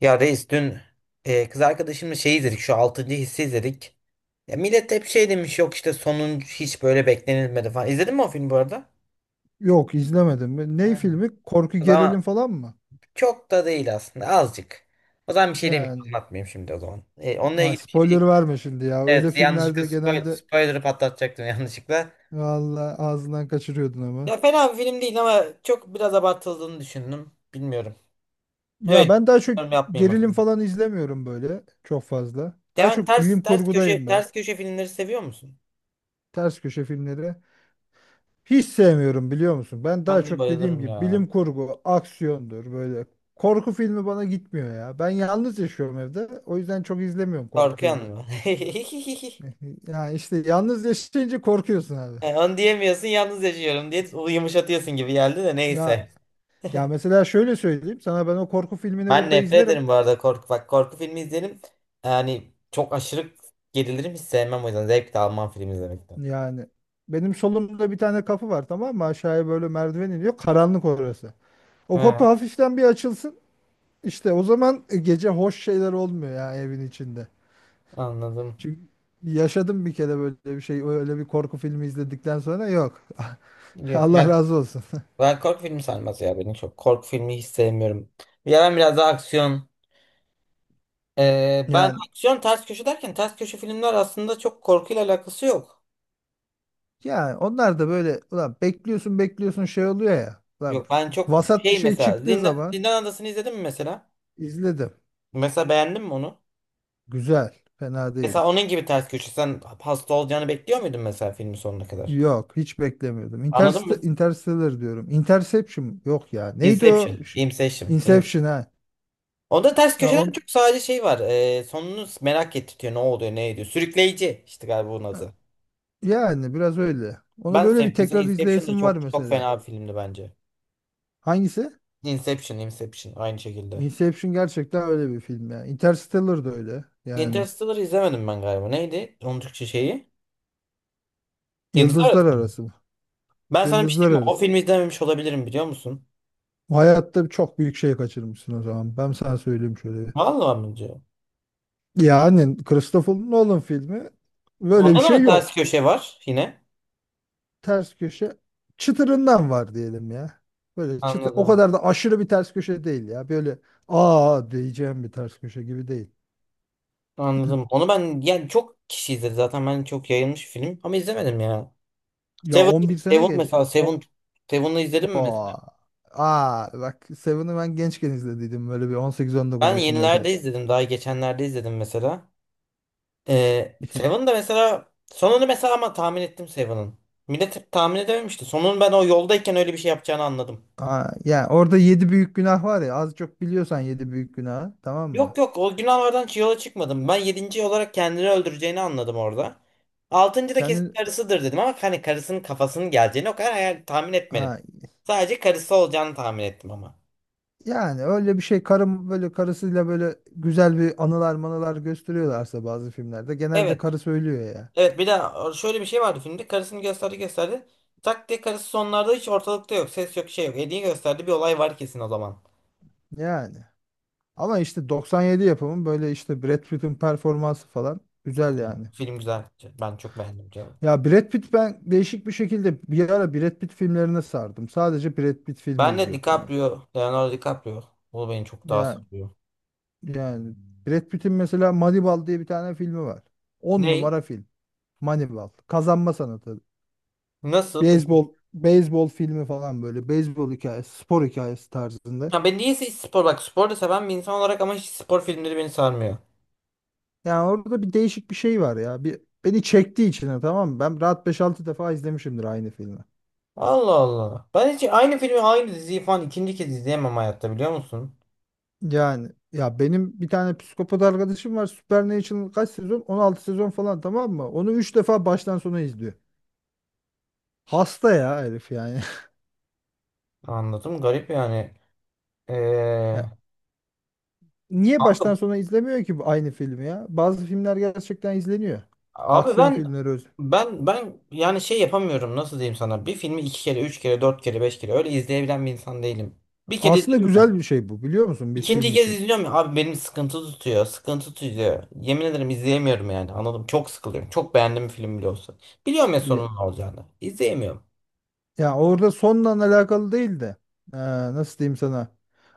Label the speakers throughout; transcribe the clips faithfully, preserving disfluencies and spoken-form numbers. Speaker 1: Ya reis dün e, kız arkadaşımla şey izledik şu altıncı hissi izledik. Ya millet hep şey demiş yok işte sonuncu hiç böyle beklenilmedi falan. İzledin mi o filmi bu arada?
Speaker 2: Yok izlemedim. Ney
Speaker 1: Ha,
Speaker 2: filmi? Korku
Speaker 1: o
Speaker 2: gerilim
Speaker 1: zaman
Speaker 2: falan mı?
Speaker 1: çok da değil aslında azıcık. O zaman bir şey demeyeyim
Speaker 2: Yani
Speaker 1: anlatmayayım şimdi o zaman. E, onunla
Speaker 2: ha,
Speaker 1: ilgili bir şey
Speaker 2: spoiler
Speaker 1: diyecek.
Speaker 2: verme şimdi ya. Öyle
Speaker 1: Evet, yanlışlıkla
Speaker 2: filmlerde
Speaker 1: spoil,
Speaker 2: genelde
Speaker 1: spoiler'ı patlatacaktım yanlışlıkla.
Speaker 2: vallahi ağzından kaçırıyordun ama.
Speaker 1: Ya fena bir film değil ama çok biraz abartıldığını düşündüm. Bilmiyorum.
Speaker 2: Ya
Speaker 1: Evet.
Speaker 2: ben daha çok
Speaker 1: Yorum yapmayayım
Speaker 2: gerilim
Speaker 1: efendim.
Speaker 2: falan izlemiyorum böyle çok fazla. Daha
Speaker 1: Yani
Speaker 2: çok
Speaker 1: ters
Speaker 2: bilim
Speaker 1: ters köşe
Speaker 2: kurgudayım ben.
Speaker 1: ters köşe filmleri seviyor musun?
Speaker 2: Ters köşe filmleri. Hiç sevmiyorum biliyor musun? Ben daha
Speaker 1: Ben de
Speaker 2: çok dediğim
Speaker 1: bayılırım
Speaker 2: gibi
Speaker 1: ya.
Speaker 2: bilim kurgu, aksiyondur böyle. Korku filmi bana gitmiyor ya. Ben yalnız yaşıyorum evde. O yüzden çok izlemiyorum korku
Speaker 1: Korkuyor
Speaker 2: filmi.
Speaker 1: mu?
Speaker 2: Ya işte yalnız yaşayınca korkuyorsun abi.
Speaker 1: E, Onu diyemiyorsun yalnız yaşıyorum diye o yumuşatıyorsun gibi geldi de
Speaker 2: Ya
Speaker 1: neyse.
Speaker 2: ya mesela şöyle söyleyeyim sana ben o korku filmini
Speaker 1: Ben
Speaker 2: burada
Speaker 1: nefret
Speaker 2: izlerim.
Speaker 1: ederim bu arada korku. Bak korku filmi izlerim. Yani çok aşırı gerilirim, hiç sevmem, o yüzden zevk de almam film izlemekten.
Speaker 2: Yani benim solumda bir tane kapı var tamam mı? Aşağıya böyle merdiven iniyor. Karanlık orası. O kapı
Speaker 1: Hı,
Speaker 2: hafiften bir açılsın. İşte o zaman gece hoş şeyler olmuyor ya evin içinde.
Speaker 1: anladım.
Speaker 2: Çünkü yaşadım bir kere böyle bir şey. Öyle bir korku filmi izledikten sonra yok.
Speaker 1: Yok,
Speaker 2: Allah
Speaker 1: ben
Speaker 2: razı olsun.
Speaker 1: ben korku filmi sarmaz ya beni çok. Korku filmi hiç sevmiyorum. Ya ben biraz daha aksiyon. E, ben
Speaker 2: Yani
Speaker 1: aksiyon ters köşe derken ters köşe filmler aslında çok korkuyla alakası yok.
Speaker 2: yani onlar da böyle ulan bekliyorsun bekliyorsun şey oluyor ya. Ulan
Speaker 1: Yok, ben çok
Speaker 2: vasat bir
Speaker 1: şey
Speaker 2: şey
Speaker 1: mesela
Speaker 2: çıktığı
Speaker 1: Zindan,
Speaker 2: zaman
Speaker 1: Zindan Adası'nı izledin mi mesela?
Speaker 2: izledim.
Speaker 1: Mesela beğendin mi onu?
Speaker 2: Güzel. Fena değil.
Speaker 1: Mesela onun gibi ters köşe. Sen hasta olacağını bekliyor muydun mesela filmin sonuna kadar?
Speaker 2: Yok. Hiç beklemiyordum.
Speaker 1: Anladın
Speaker 2: Interst
Speaker 1: mı?
Speaker 2: Interstellar diyorum. Interception. Yok ya. Neydi
Speaker 1: Inception.
Speaker 2: o? Ş-
Speaker 1: Inception. In-
Speaker 2: Inception ha.
Speaker 1: Onda ters
Speaker 2: Ya
Speaker 1: köşeden
Speaker 2: on,
Speaker 1: çok sadece şey var. E, sonunu merak ettiriyor. Ne oluyor, ne ediyor. Sürükleyici işte galiba onun adı.
Speaker 2: yani biraz öyle. Onu
Speaker 1: Ben
Speaker 2: böyle
Speaker 1: sev
Speaker 2: bir
Speaker 1: mesela
Speaker 2: tekrar
Speaker 1: Inception da
Speaker 2: izleyesim var
Speaker 1: çok çok
Speaker 2: mesela.
Speaker 1: fena bir filmdi bence.
Speaker 2: Hangisi?
Speaker 1: Inception, Inception aynı şekilde.
Speaker 2: Inception gerçekten öyle bir film ya. Interstellar da öyle. Yani
Speaker 1: Interstellar'ı izlemedim ben galiba. Neydi? Onun Türkçe şeyi. Yıldızlar
Speaker 2: Yıldızlar
Speaker 1: Arası.
Speaker 2: Arası mı?
Speaker 1: Ben sana bir şey
Speaker 2: Yıldızlar
Speaker 1: diyeyim mi? O
Speaker 2: Arası.
Speaker 1: filmi izlememiş olabilirim biliyor musun?
Speaker 2: Bu hayatta çok büyük şey kaçırmışsın o zaman. Ben sana söyleyeyim şöyle bir.
Speaker 1: Vallahi mi diyor?
Speaker 2: Yani Christopher Nolan filmi böyle bir
Speaker 1: Onda da
Speaker 2: şey
Speaker 1: mı
Speaker 2: yok.
Speaker 1: ters köşe var yine?
Speaker 2: Ters köşe çıtırından var diyelim ya. Böyle çıtır, o
Speaker 1: Anladım.
Speaker 2: kadar da aşırı bir ters köşe değil ya. Böyle aa diyeceğim bir ters köşe gibi değil.
Speaker 1: Anladım. Onu ben yani çok kişi izledi zaten. Ben çok yayılmış bir film ama izlemedim ya.
Speaker 2: Ya
Speaker 1: Seven,
Speaker 2: on bir sene
Speaker 1: Seven
Speaker 2: geç.
Speaker 1: mesela
Speaker 2: O,
Speaker 1: Seven Seven'ı izledim mi
Speaker 2: aa,
Speaker 1: mesela?
Speaker 2: aa bak Seven'ı ben gençken izlediydim böyle bir on sekiz on dokuz
Speaker 1: Ben
Speaker 2: yaşındayken.
Speaker 1: yenilerde izledim. Daha geçenlerde izledim mesela. Ee, Seven de mesela sonunu mesela ama tahmin ettim Seven'ın. Millet tahmin edememişti. Sonunu ben o yoldayken öyle bir şey yapacağını anladım.
Speaker 2: Aa, yani orada yedi büyük günah var ya az çok biliyorsan yedi büyük günah tamam
Speaker 1: Yok
Speaker 2: mı?
Speaker 1: yok, o günahlardan yola çıkmadım. Ben yedinci olarak kendini öldüreceğini anladım orada. Altıncı da kesin
Speaker 2: Kendin
Speaker 1: karısıdır dedim ama hani karısının kafasının geleceğini o kadar hayal tahmin etmedim. Sadece karısı olacağını tahmin ettim ama.
Speaker 2: Yani öyle bir şey karım böyle karısıyla böyle güzel bir anılar manılar gösteriyorlarsa bazı filmlerde genelde
Speaker 1: Evet.
Speaker 2: karısı ölüyor ya.
Speaker 1: Evet, bir de e, şöyle bir şey vardı filmde. Karısını gösterdi gösterdi. Tak diye karısı sonlarda hiç ortalıkta yok. Ses yok, şey yok. Hediye gösterdi, bir olay var kesin o zaman.
Speaker 2: Yani. Ama işte doksan yedi yapımın böyle işte Brad Pitt'in performansı falan güzel
Speaker 1: Çok iyi.
Speaker 2: yani.
Speaker 1: Film güzel. Ben çok beğendim canım.
Speaker 2: Ya Brad Pitt ben değişik bir şekilde bir ara Brad Pitt filmlerine sardım. Sadece Brad Pitt filmi
Speaker 1: Ben de
Speaker 2: izliyordum ben.
Speaker 1: DiCaprio, Leonardo DiCaprio. O beni çok daha
Speaker 2: Ya
Speaker 1: sarıyor.
Speaker 2: yani Brad Pitt'in mesela Moneyball diye bir tane filmi var. On
Speaker 1: Ney?
Speaker 2: numara film. Moneyball. Kazanma sanatı.
Speaker 1: Nasıl
Speaker 2: Beyzbol, beyzbol filmi falan böyle. Beyzbol hikayesi, spor hikayesi tarzında.
Speaker 1: Ya ben niyeyse hiç spor, bak, spor da seven bir insan olarak ama hiç spor filmleri beni sarmıyor.
Speaker 2: Yani orada bir değişik bir şey var ya. Bir, beni çektiği içine, tamam mı? Ben rahat beş altı defa izlemişimdir aynı filmi.
Speaker 1: Allah Allah. Ben hiç aynı filmi aynı diziyi falan ikinci kez izleyemem hayatta biliyor musun?
Speaker 2: Yani ya benim bir tane psikopat arkadaşım var. Supernatural kaç sezon? On altı sezon falan tamam mı? Onu üç defa baştan sona izliyor. Hasta ya herif yani.
Speaker 1: Anladım, garip yani. Ee,
Speaker 2: Ya, niye
Speaker 1: kanka,
Speaker 2: baştan sona izlemiyor ki bu aynı filmi ya? Bazı filmler gerçekten izleniyor.
Speaker 1: abi
Speaker 2: Aksiyon
Speaker 1: ben
Speaker 2: filmleri öz.
Speaker 1: ben ben yani şey yapamıyorum, nasıl diyeyim sana, bir filmi iki kere üç kere dört kere beş kere öyle izleyebilen bir insan değilim. Bir kere
Speaker 2: Aslında
Speaker 1: izledim.
Speaker 2: güzel bir şey bu biliyor musun bir
Speaker 1: İkinci
Speaker 2: film
Speaker 1: kez
Speaker 2: için?
Speaker 1: izliyorum ya abi, benim sıkıntı tutuyor. Sıkıntı tutuyor. Yemin ederim izleyemiyorum yani, anladım. Çok sıkılıyorum. Çok beğendiğim film bile olsa. Biliyorum ya
Speaker 2: Ee,
Speaker 1: sonunun ne olacağını. İzleyemiyorum.
Speaker 2: Ya orada sonla alakalı değil de eee, nasıl diyeyim sana?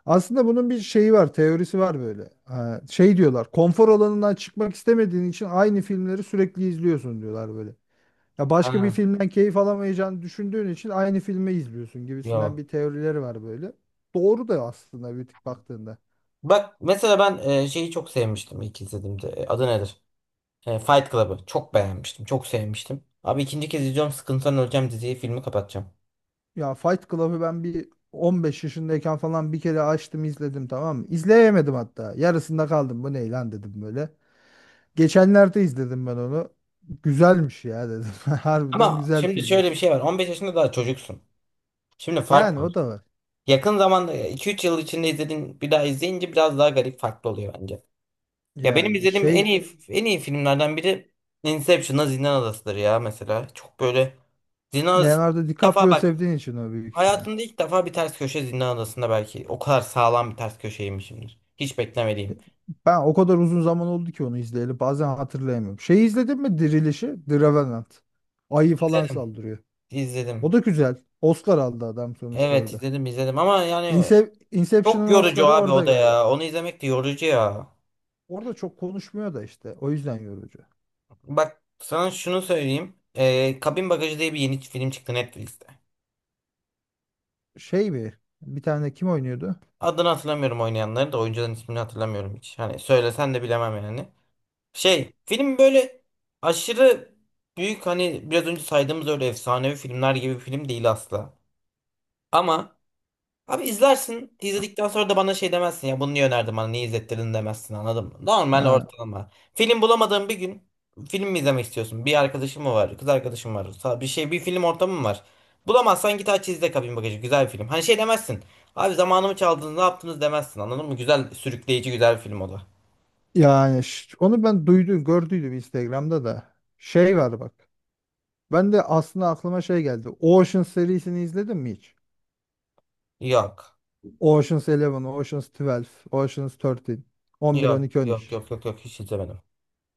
Speaker 2: Aslında bunun bir şeyi var, teorisi var böyle. Eee, şey diyorlar, konfor alanından çıkmak istemediğin için aynı filmleri sürekli izliyorsun diyorlar böyle. Ya başka bir
Speaker 1: Ha,
Speaker 2: filmden keyif alamayacağını düşündüğün için aynı filmi izliyorsun gibisinden
Speaker 1: yok.
Speaker 2: bir teorileri var böyle. Doğru da aslında bir tık baktığında.
Speaker 1: Bak mesela ben e, şeyi çok sevmiştim ilk izlediğimde. E, Adı nedir? E, Fight Club'ı. Çok beğenmiştim. Çok sevmiştim. Abi ikinci kez izliyorum. Sıkıntıdan öleceğim, diziyi filmi kapatacağım.
Speaker 2: Ya Fight Club'ı ben bir on beş yaşındayken falan bir kere açtım izledim tamam mı? İzleyemedim hatta. Yarısında kaldım. Bu ne lan dedim böyle. Geçenlerde izledim ben onu. Güzelmiş ya dedim. Harbiden
Speaker 1: Ama
Speaker 2: güzel
Speaker 1: şimdi şöyle bir
Speaker 2: filmmiş.
Speaker 1: şey var. on beş yaşında daha çocuksun. Şimdi fark
Speaker 2: Yani
Speaker 1: var.
Speaker 2: o da var.
Speaker 1: Yakın zamanda iki üç yıl içinde izlediğin, bir daha izleyince biraz daha garip farklı oluyor bence. Ya benim
Speaker 2: Yani
Speaker 1: izlediğim en
Speaker 2: şey
Speaker 1: iyi en iyi filmlerden biri Inception'la Zindan Adası'dır ya mesela. Çok böyle Zindan Adası
Speaker 2: Leonardo
Speaker 1: ilk defa
Speaker 2: DiCaprio
Speaker 1: bak
Speaker 2: sevdiğin için o büyük ihtimal.
Speaker 1: hayatımda ilk defa bir ters köşe, Zindan Adası'nda belki o kadar sağlam bir ters köşeymişimdir. Hiç beklemediğim.
Speaker 2: Ben o kadar uzun zaman oldu ki onu izleyeli bazen hatırlayamıyorum. Şeyi izledin mi Dirilişi? The Revenant. Ayı falan
Speaker 1: İzledim.
Speaker 2: saldırıyor. O
Speaker 1: İzledim.
Speaker 2: da güzel. Oscar aldı adam sonuçta
Speaker 1: Evet
Speaker 2: orada.
Speaker 1: izledim izledim ama yani
Speaker 2: Inse-
Speaker 1: çok
Speaker 2: Inception'ın
Speaker 1: yorucu
Speaker 2: Oscar'ı
Speaker 1: abi
Speaker 2: orada
Speaker 1: o da
Speaker 2: geldi.
Speaker 1: ya. Onu izlemek de yorucu ya.
Speaker 2: Orada çok konuşmuyor da işte. O yüzden yorucu.
Speaker 1: Bak sana şunu söyleyeyim. Ee, Kabin Bagajı diye bir yeni film çıktı Netflix'te.
Speaker 2: Şey bir bir tane kim oynuyordu?
Speaker 1: Adını hatırlamıyorum, oynayanları da oyuncuların ismini hatırlamıyorum hiç. Hani söylesen de bilemem yani. Şey, film böyle aşırı büyük, hani biraz önce saydığımız öyle efsanevi filmler gibi bir film değil asla. Ama abi izlersin, izledikten sonra da bana şey demezsin ya, bunu niye önerdin bana, niye izlettirdin demezsin, anladın mı? Normal,
Speaker 2: Ha.
Speaker 1: ortalama. Film bulamadığın bir gün film mi izlemek istiyorsun? Bir arkadaşın mı var, kız arkadaşın var, sa- bir şey bir film ortamı mı var? Bulamazsan git aç izle, Kabin Bagajı güzel bir film. Hani şey demezsin. Abi zamanımı çaldınız ne yaptınız demezsin anladın mı? Güzel sürükleyici güzel bir film o da.
Speaker 2: Yani ş- onu ben duydum, gördüydüm Instagram'da da. Şey var bak. Ben de aslında aklıma şey geldi. Ocean serisini izledin mi hiç?
Speaker 1: Yok.
Speaker 2: Ocean's Eleven, Ocean's twelve, Ocean's thirteen, on bir, on
Speaker 1: Yok
Speaker 2: iki on üç.
Speaker 1: yok yok yok yok, hiç izlemedim.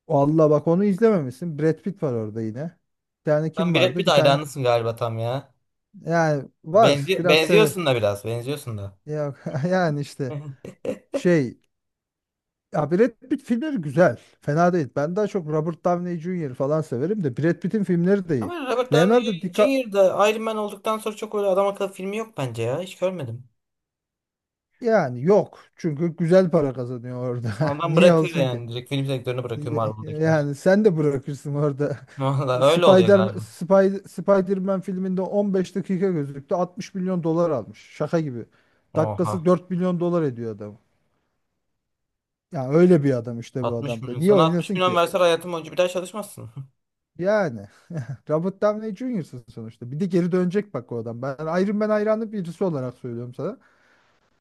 Speaker 2: Vallahi bak onu izlememişsin. Brad Pitt var orada yine. Bir tane
Speaker 1: Sen
Speaker 2: kim
Speaker 1: Brad
Speaker 2: vardı?
Speaker 1: Pitt
Speaker 2: Bir tane
Speaker 1: hayranısın galiba tam ya.
Speaker 2: yani var.
Speaker 1: Benzi
Speaker 2: Biraz seve.
Speaker 1: benziyorsun da biraz. Benziyorsun da.
Speaker 2: Ya, yani
Speaker 1: Hı
Speaker 2: işte
Speaker 1: hı.
Speaker 2: şey ya Brad Pitt filmleri güzel. Fena değil. Ben daha çok Robert Downey junior falan severim de Brad Pitt'in filmleri de iyi.
Speaker 1: Ama Robert Downey
Speaker 2: Leonardo DiCaprio.
Speaker 1: junior da Iron Man olduktan sonra çok öyle adam akıllı filmi yok bence ya. Hiç görmedim.
Speaker 2: Yani yok. Çünkü güzel para kazanıyor orada.
Speaker 1: Ondan
Speaker 2: Niye
Speaker 1: bırakıyor
Speaker 2: olsun ki?
Speaker 1: yani. Direkt film sektörünü bırakıyor
Speaker 2: Y-
Speaker 1: Marvel'dakiler.
Speaker 2: Yani sen de bırakırsın orada.
Speaker 1: Valla öyle oluyor
Speaker 2: Spider
Speaker 1: galiba.
Speaker 2: Spider Spider-Man filminde on beş dakika gözüktü. altmış milyon dolar almış. Şaka gibi. Dakikası
Speaker 1: Oha.
Speaker 2: dört milyon dolar ediyor adam. Ya öyle bir adam işte bu
Speaker 1: altmış
Speaker 2: adam da.
Speaker 1: milyon.
Speaker 2: Niye
Speaker 1: Sana altmış
Speaker 2: oynasın
Speaker 1: milyon
Speaker 2: ki?
Speaker 1: verseler hayatım boyunca bir daha çalışmazsın.
Speaker 2: Yani Robert Downey juniorsın'sın sonuçta. Bir de geri dönecek bak o adam. Ben Iron Man hayranı birisi olarak söylüyorum sana.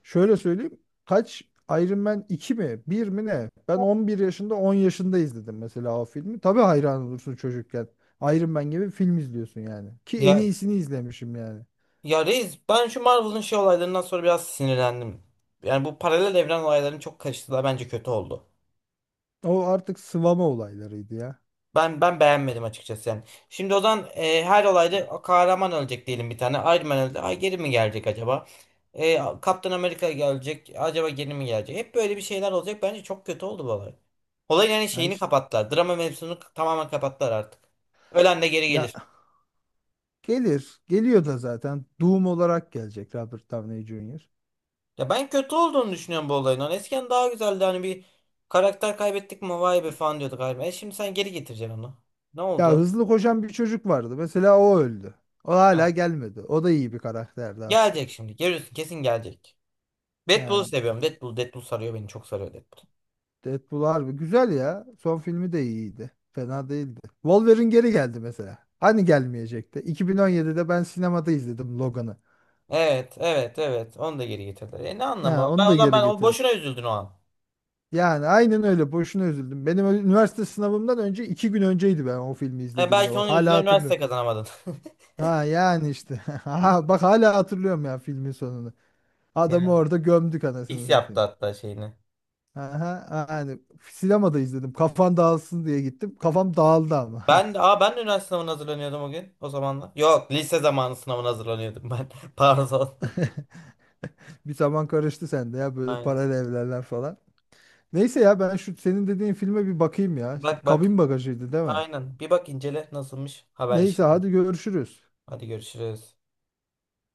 Speaker 2: Şöyle söyleyeyim. Kaç Iron Man iki mi? Bir mi ne? Ben on bir yaşında on yaşında izledim mesela o filmi. Tabii hayran olursun çocukken. Iron Man gibi film izliyorsun yani. Ki en
Speaker 1: Ya,
Speaker 2: iyisini izlemişim yani.
Speaker 1: ya reis ben şu Marvel'ın şey olaylarından sonra biraz sinirlendim. Yani bu paralel evren olaylarını çok karıştırdılar. Bence kötü oldu.
Speaker 2: O artık sıvama olaylarıydı ya.
Speaker 1: Ben ben beğenmedim açıkçası yani. Şimdi o zaman e, her olayda kahraman ölecek diyelim bir tane. Iron Man öldü. Ay, geri mi gelecek acaba? E, Kaptan Amerika gelecek. Acaba geri mi gelecek? Hep böyle bir şeyler olacak. Bence çok kötü oldu bu olay. Olayın yani
Speaker 2: Ha
Speaker 1: şeyini
Speaker 2: işte,
Speaker 1: kapattılar. Drama mevzusunu k- tamamen kapattılar artık. Ölen de geri
Speaker 2: ya
Speaker 1: gelir.
Speaker 2: gelir. Geliyor da zaten. Doom olarak gelecek Robert Downey junior
Speaker 1: Ya ben kötü olduğunu düşünüyorum bu olayın. Hani eskiden daha güzeldi. Hani bir karakter kaybettik mi vay be falan diyorduk. Iron Man. E şimdi sen geri getireceksin onu. Ne
Speaker 2: Ya
Speaker 1: oldu?
Speaker 2: hızlı koşan bir çocuk vardı. Mesela o öldü. O
Speaker 1: Heh.
Speaker 2: hala gelmedi. O da iyi bir karakterdi aslında.
Speaker 1: Gelecek şimdi. Görüyorsun kesin gelecek. Deadpool'u
Speaker 2: Yani
Speaker 1: seviyorum. Deadpool, Deadpool sarıyor beni. Çok sarıyor Deadpool.
Speaker 2: Deadpool harbi güzel ya. Son filmi de iyiydi. Fena değildi. Wolverine geri geldi mesela. Hani gelmeyecekti. iki bin on yedide ben sinemada izledim Logan'ı.
Speaker 1: Evet, evet, evet. Onu da geri getirdiler. E ne anlamı
Speaker 2: Ha,
Speaker 1: var? Ben
Speaker 2: onu da
Speaker 1: o zaman,
Speaker 2: geri
Speaker 1: ben o
Speaker 2: getirdi.
Speaker 1: boşuna üzüldün o an.
Speaker 2: Yani aynen öyle. Boşuna üzüldüm. Benim ö- üniversite sınavımdan önce iki gün önceydi ben o filmi
Speaker 1: E,
Speaker 2: izlediğimde.
Speaker 1: belki onun
Speaker 2: Bak hala
Speaker 1: yüzünden
Speaker 2: hatırlıyorum.
Speaker 1: üniversite kazanamadın.
Speaker 2: Ha yani işte. Ha, bak hala hatırlıyorum ya filmin sonunu.
Speaker 1: Yani
Speaker 2: Adamı orada gömdük anasını
Speaker 1: X yaptı
Speaker 2: satayım.
Speaker 1: hatta şeyini.
Speaker 2: Aha, yani sinemada izledim. Kafan dağılsın diye gittim. Kafam dağıldı ama.
Speaker 1: Ben de, aa ben de üniversite sınavına hazırlanıyordum o gün o zamanlar. Yok, lise zamanı sınavına hazırlanıyordum ben. Pardon.
Speaker 2: Bir taban karıştı sende ya böyle
Speaker 1: Aynen.
Speaker 2: paralel evlerler falan. Neyse ya ben şu senin dediğin filme bir bakayım ya. Şimdi
Speaker 1: Bak bak.
Speaker 2: Kabin Bagajıydı değil mi?
Speaker 1: Aynen. Bir bak incele nasılmış.
Speaker 2: Neyse
Speaker 1: Haberleşelim.
Speaker 2: hadi görüşürüz.
Speaker 1: Hadi görüşürüz.